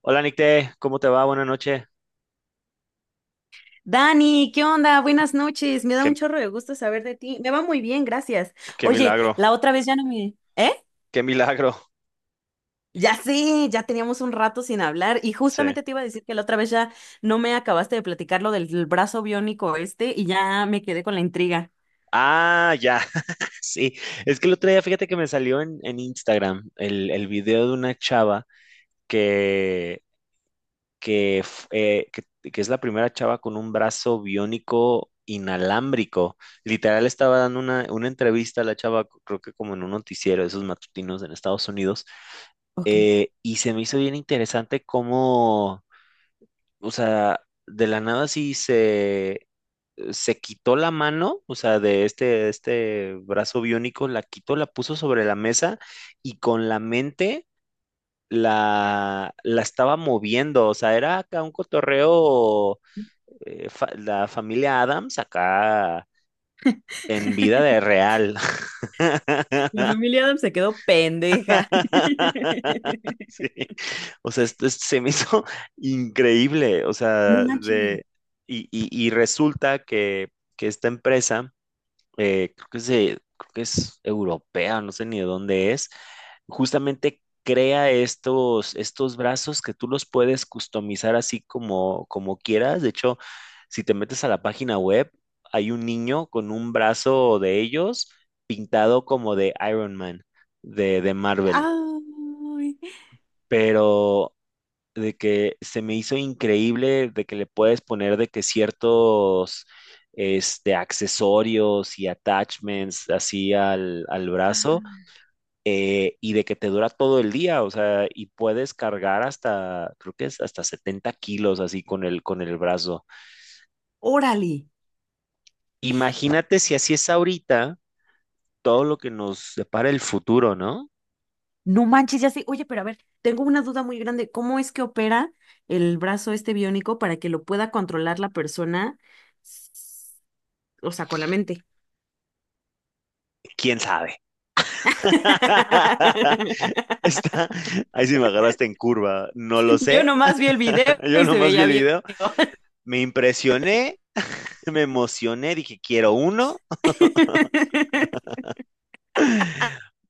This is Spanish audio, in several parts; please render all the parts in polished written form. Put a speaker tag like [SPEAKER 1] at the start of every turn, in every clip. [SPEAKER 1] Hola Nicte, ¿cómo te va? Buenas noches.
[SPEAKER 2] Dani, ¿qué onda? Buenas noches. Me da
[SPEAKER 1] Qué,
[SPEAKER 2] un chorro de gusto saber de ti. Me va muy bien, gracias.
[SPEAKER 1] qué
[SPEAKER 2] Oye,
[SPEAKER 1] milagro,
[SPEAKER 2] la otra vez ya no me... ¿Eh?
[SPEAKER 1] qué milagro.
[SPEAKER 2] Ya sé, ya teníamos un rato sin hablar y
[SPEAKER 1] Sí.
[SPEAKER 2] justamente te iba a decir que la otra vez ya no me acabaste de platicar lo del brazo biónico este y ya me quedé con la intriga.
[SPEAKER 1] Ah, ya. Sí. Es que el otro día, fíjate que me salió en Instagram el video de una chava que, que, f- eh, que, que es la primera chava con un brazo biónico inalámbrico. Literal estaba dando una entrevista a la chava, creo que como en un noticiero, de esos matutinos en Estados Unidos,
[SPEAKER 2] Ok.
[SPEAKER 1] y se me hizo bien interesante cómo, o sea, de la nada sí se quitó la mano, o sea, de este brazo biónico, la quitó, la puso sobre la mesa y con la mente la estaba moviendo, o sea, era acá un cotorreo, la familia Adams acá en vida de real.
[SPEAKER 2] La familia Adams se quedó pendeja.
[SPEAKER 1] Sí. O sea, se me hizo increíble, o
[SPEAKER 2] No
[SPEAKER 1] sea,
[SPEAKER 2] manches.
[SPEAKER 1] y resulta que esta empresa, creo que creo que es europea, no sé ni de dónde es. Justamente crea estos brazos que tú los puedes customizar así como, como quieras. De hecho, si te metes a la página web, hay un niño con un brazo de ellos pintado como de Iron Man, de Marvel.
[SPEAKER 2] Ay,
[SPEAKER 1] Pero de que se me hizo increíble de que le puedes poner de que ciertos, este, accesorios y attachments así al brazo, y de que te dura todo el día, o sea, y puedes cargar hasta, creo que es hasta 70 kilos así con el brazo.
[SPEAKER 2] órale.
[SPEAKER 1] Imagínate si así es ahorita, todo lo que nos depara el futuro, ¿no?
[SPEAKER 2] No manches, ya sé. Oye, pero a ver, tengo una duda muy grande. ¿Cómo es que opera el brazo este biónico para que lo pueda controlar la persona? s- O sea, con la mente.
[SPEAKER 1] ¿Quién sabe? Está, ahí sí me agarraste en curva, no lo
[SPEAKER 2] Yo
[SPEAKER 1] sé.
[SPEAKER 2] nomás vi el video
[SPEAKER 1] Yo
[SPEAKER 2] y se
[SPEAKER 1] nomás vi
[SPEAKER 2] veía
[SPEAKER 1] el
[SPEAKER 2] bien.
[SPEAKER 1] video. Me impresioné, me emocioné, dije quiero uno,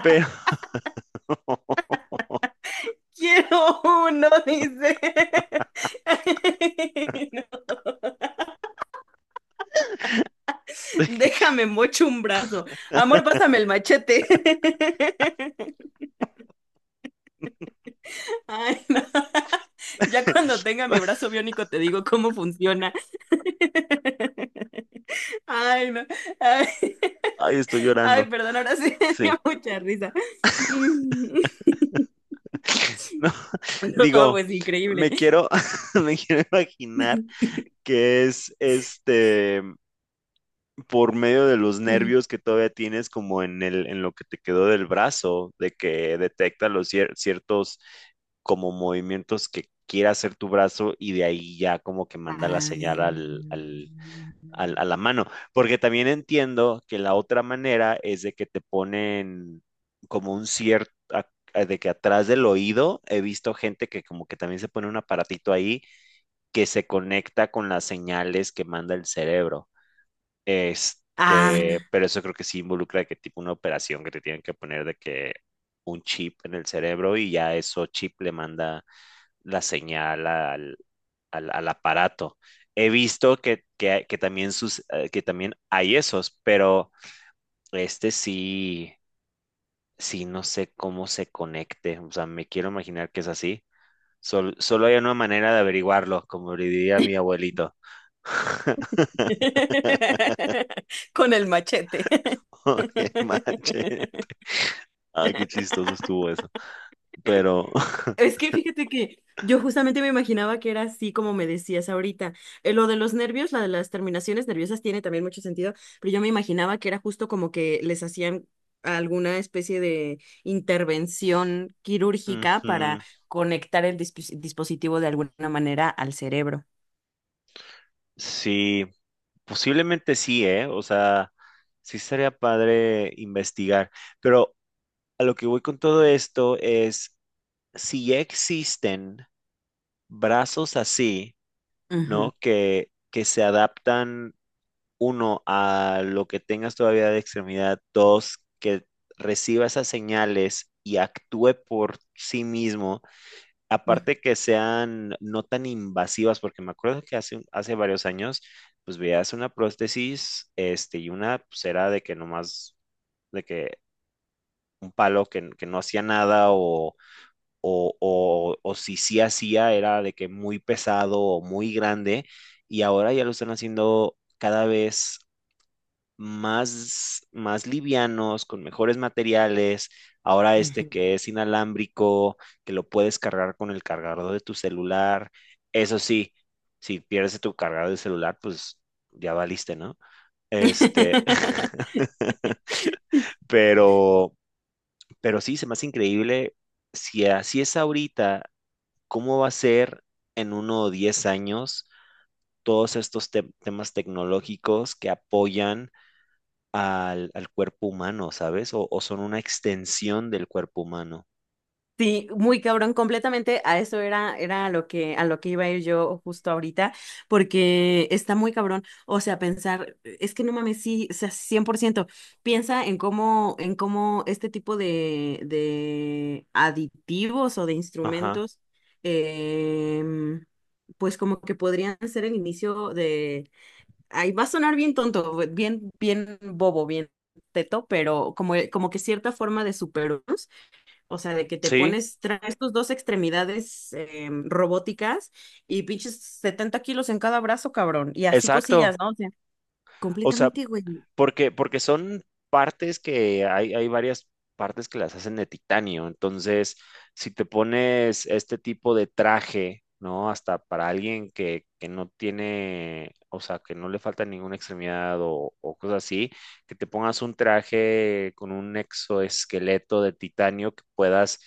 [SPEAKER 1] pero
[SPEAKER 2] Quiero uno, dice. Déjame mocho un brazo. Amor, pásame el machete. Ay, no. Ya cuando tenga mi brazo biónico te digo cómo funciona. Ay, no. Ay,
[SPEAKER 1] ay, estoy
[SPEAKER 2] ay,
[SPEAKER 1] llorando.
[SPEAKER 2] perdón, ahora sí me dio
[SPEAKER 1] Sí.
[SPEAKER 2] mucha risa. Mm.
[SPEAKER 1] No,
[SPEAKER 2] No,
[SPEAKER 1] digo,
[SPEAKER 2] pues increíble.
[SPEAKER 1] me quiero, me quiero imaginar que es, este, por medio de los nervios que todavía tienes como en lo que te quedó del brazo, de que detecta los ciertos como movimientos que quiera hacer tu brazo y de ahí ya como que manda la
[SPEAKER 2] Ah.
[SPEAKER 1] señal a la mano, porque también entiendo que la otra manera es de que te ponen como un cierto, de que atrás del oído he visto gente que como que también se pone un aparatito ahí que se conecta con las señales que manda el cerebro. Este,
[SPEAKER 2] Ah.
[SPEAKER 1] pero eso creo que sí involucra de que tipo una operación que te tienen que poner de que un chip en el cerebro y ya eso chip le manda la señal al aparato. He visto que también sus, que también hay esos, pero este sí, sí no sé cómo se conecte. O sea, me quiero imaginar que es así. Solo hay una manera de averiguarlo, como le diría mi abuelito.
[SPEAKER 2] Con el machete.
[SPEAKER 1] No manches. Ay, qué chistoso estuvo eso. Pero
[SPEAKER 2] Es que fíjate que yo justamente me imaginaba que era así como me decías ahorita. Lo de los nervios, la de las terminaciones nerviosas tiene también mucho sentido, pero yo me imaginaba que era justo como que les hacían alguna especie de intervención quirúrgica para
[SPEAKER 1] ujú,
[SPEAKER 2] conectar el dispositivo de alguna manera al cerebro.
[SPEAKER 1] sí, posiblemente sí, ¿eh? O sea, sí estaría padre investigar. Pero a lo que voy con todo esto es, si ya existen brazos así,
[SPEAKER 2] Ujú,
[SPEAKER 1] ¿no? Que se adaptan, uno, a lo que tengas todavía de extremidad; dos, que reciba esas señales y actúe por sí mismo,
[SPEAKER 2] ujú,
[SPEAKER 1] aparte que sean no tan invasivas, porque me acuerdo que hace varios años, pues veías una prótesis, este, y una pues era de que nomás, de que un palo que no hacía nada, o, o si sí hacía era de que muy pesado o muy grande, y ahora ya lo están haciendo cada vez más livianos, con mejores materiales. Ahora este
[SPEAKER 2] ujú.
[SPEAKER 1] que es inalámbrico, que lo puedes cargar con el cargador de tu celular. Eso sí, si pierdes tu cargador de celular, pues ya valiste, ¿no? Este, pero, pero sí, se me hace increíble. Si así es ahorita, ¿cómo va a ser en uno o 10 años todos estos temas tecnológicos que apoyan al cuerpo humano, ¿sabes? O son una extensión del cuerpo humano.
[SPEAKER 2] Sí, muy cabrón, completamente a eso era a lo que iba a ir yo justo ahorita, porque está muy cabrón. O sea, pensar, es que no mames, sí, o sea, 100%. Piensa en cómo este tipo de aditivos o de
[SPEAKER 1] Ajá.
[SPEAKER 2] instrumentos, em, pues como que podrían ser el inicio de. Ahí va a sonar bien tonto, bien bobo, bien teto, pero como que cierta forma de superarnos, o sea, de que te
[SPEAKER 1] Sí,
[SPEAKER 2] pones, traes tus dos extremidades robóticas y pinches 70 kilos en cada brazo, cabrón. Y así cosillas,
[SPEAKER 1] exacto.
[SPEAKER 2] ¿no? O sea,
[SPEAKER 1] O sea,
[SPEAKER 2] completamente, güey.
[SPEAKER 1] Porque son partes que hay varias partes que las hacen de titanio. Entonces, si te pones este tipo de traje, ¿no? Hasta para alguien que no tiene, o sea, que no le falta ninguna extremidad o cosas así, que te pongas un traje con un exoesqueleto de titanio que puedas,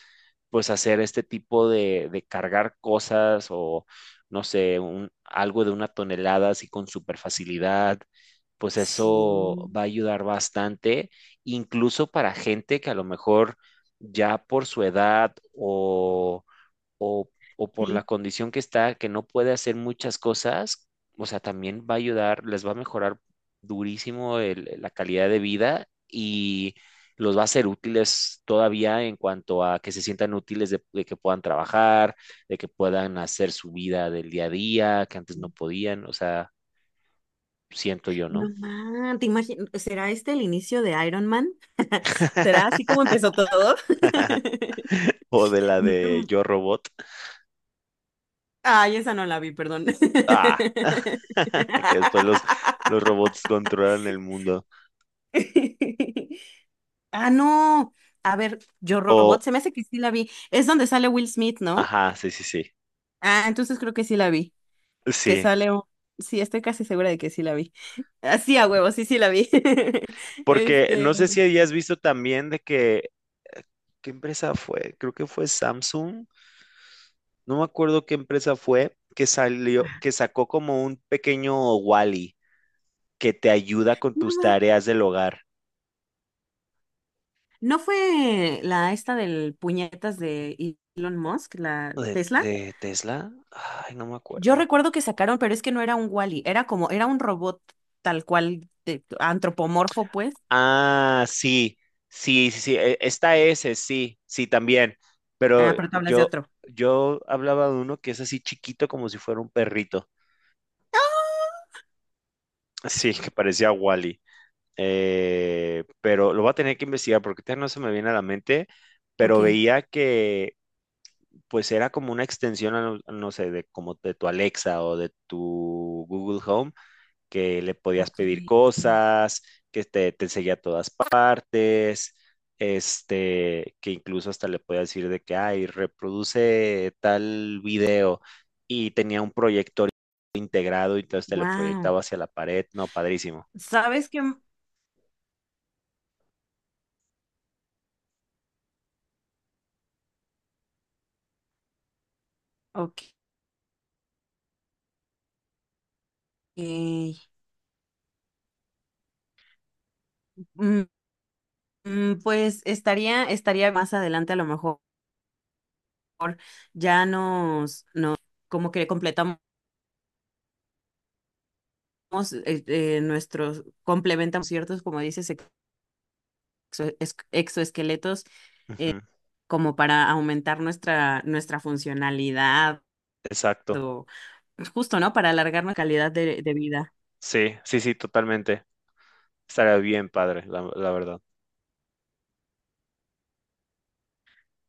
[SPEAKER 1] pues, hacer este tipo de cargar cosas o, no sé, un, algo de una tonelada así con super facilidad, pues eso
[SPEAKER 2] Sí,
[SPEAKER 1] va a ayudar bastante, incluso para gente que a lo mejor ya por su edad o, o por la
[SPEAKER 2] sí.
[SPEAKER 1] condición que está, que no puede hacer muchas cosas, o sea, también va a ayudar, les va a mejorar durísimo la calidad de vida y los va a ser útiles todavía en cuanto a que se sientan útiles de que puedan trabajar, de que puedan hacer su vida del día a día, que antes no
[SPEAKER 2] Sí.
[SPEAKER 1] podían, o sea, siento yo,
[SPEAKER 2] No
[SPEAKER 1] ¿no?
[SPEAKER 2] man, te imagino, ¿será este el inicio de Iron Man? ¿Será así como empezó todo?
[SPEAKER 1] O de la de
[SPEAKER 2] No.
[SPEAKER 1] Yo Robot.
[SPEAKER 2] Ay, esa no la vi, perdón.
[SPEAKER 1] Ah, que después los robots controlan el mundo.
[SPEAKER 2] Ah, no. A ver, Yo
[SPEAKER 1] O,
[SPEAKER 2] Robot, se me hace que sí la vi. Es donde sale Will Smith, ¿no?
[SPEAKER 1] ajá, sí, sí, sí.
[SPEAKER 2] Ah, entonces creo que sí la vi. Que
[SPEAKER 1] Sí.
[SPEAKER 2] sale un... Sí, estoy casi segura de que sí la vi. Así a huevo, sí, sí la vi.
[SPEAKER 1] Porque
[SPEAKER 2] Este.
[SPEAKER 1] no sé si hayas visto también de que, ¿qué empresa fue? Creo que fue Samsung. No me acuerdo qué empresa fue que salió,
[SPEAKER 2] Ah.
[SPEAKER 1] que sacó como un pequeño Wally que te ayuda con
[SPEAKER 2] No,
[SPEAKER 1] tus tareas del hogar.
[SPEAKER 2] ¿no fue la esta del puñetas de Elon Musk, la Tesla?
[SPEAKER 1] De Tesla? Ay, no me
[SPEAKER 2] Yo
[SPEAKER 1] acuerdo.
[SPEAKER 2] recuerdo que sacaron, pero es que no era un Wall-E, era como, era un robot tal cual, antropomorfo, pues.
[SPEAKER 1] Ah, sí, sí, sí, sí, está ese, sí, sí, también.
[SPEAKER 2] Ah,
[SPEAKER 1] Pero
[SPEAKER 2] pero tú hablas de
[SPEAKER 1] yo,
[SPEAKER 2] otro.
[SPEAKER 1] yo hablaba de uno que es así chiquito como si fuera un perrito. Sí, que parecía Wally. Pero lo voy a tener que investigar porque ahorita no se me viene a la mente.
[SPEAKER 2] Ok,
[SPEAKER 1] Pero veía que pues era como una extensión, a, no, no sé, de como de tu Alexa o de tu Google Home, que le podías
[SPEAKER 2] ok.
[SPEAKER 1] pedir cosas, que te seguía a todas partes, este, que incluso hasta le podías decir de que, ay, reproduce tal video, y tenía un proyector integrado y entonces te lo proyectaba hacia la pared.
[SPEAKER 2] Wow. Ok. Mm, pues estaría, estaría más adelante a lo mejor ya nos como que completamos nuestros, complementamos ciertos, como dices, exoesqueletos
[SPEAKER 1] Ujú.
[SPEAKER 2] como para aumentar nuestra funcionalidad
[SPEAKER 1] Exacto.
[SPEAKER 2] o justo, ¿no? Para alargar nuestra calidad de vida.
[SPEAKER 1] Sí, sí, sí, totalmente. Estaría bien padre, la verdad.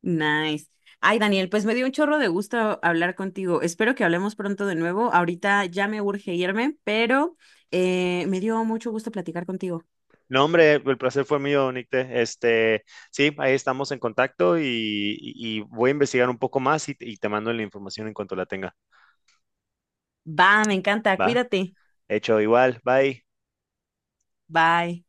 [SPEAKER 2] Nice. Ay, Daniel, pues me dio un chorro de gusto hablar contigo. Espero que hablemos pronto de nuevo. Ahorita ya me urge irme, pero me dio mucho gusto platicar contigo.
[SPEAKER 1] No, hombre, el placer fue mío, Nicte. Este, sí, ahí estamos en contacto y, y voy a investigar un poco más y te mando la información en cuanto la tenga.
[SPEAKER 2] Va, me encanta.
[SPEAKER 1] ¿Va?
[SPEAKER 2] Cuídate.
[SPEAKER 1] Hecho igual, bye.
[SPEAKER 2] Bye.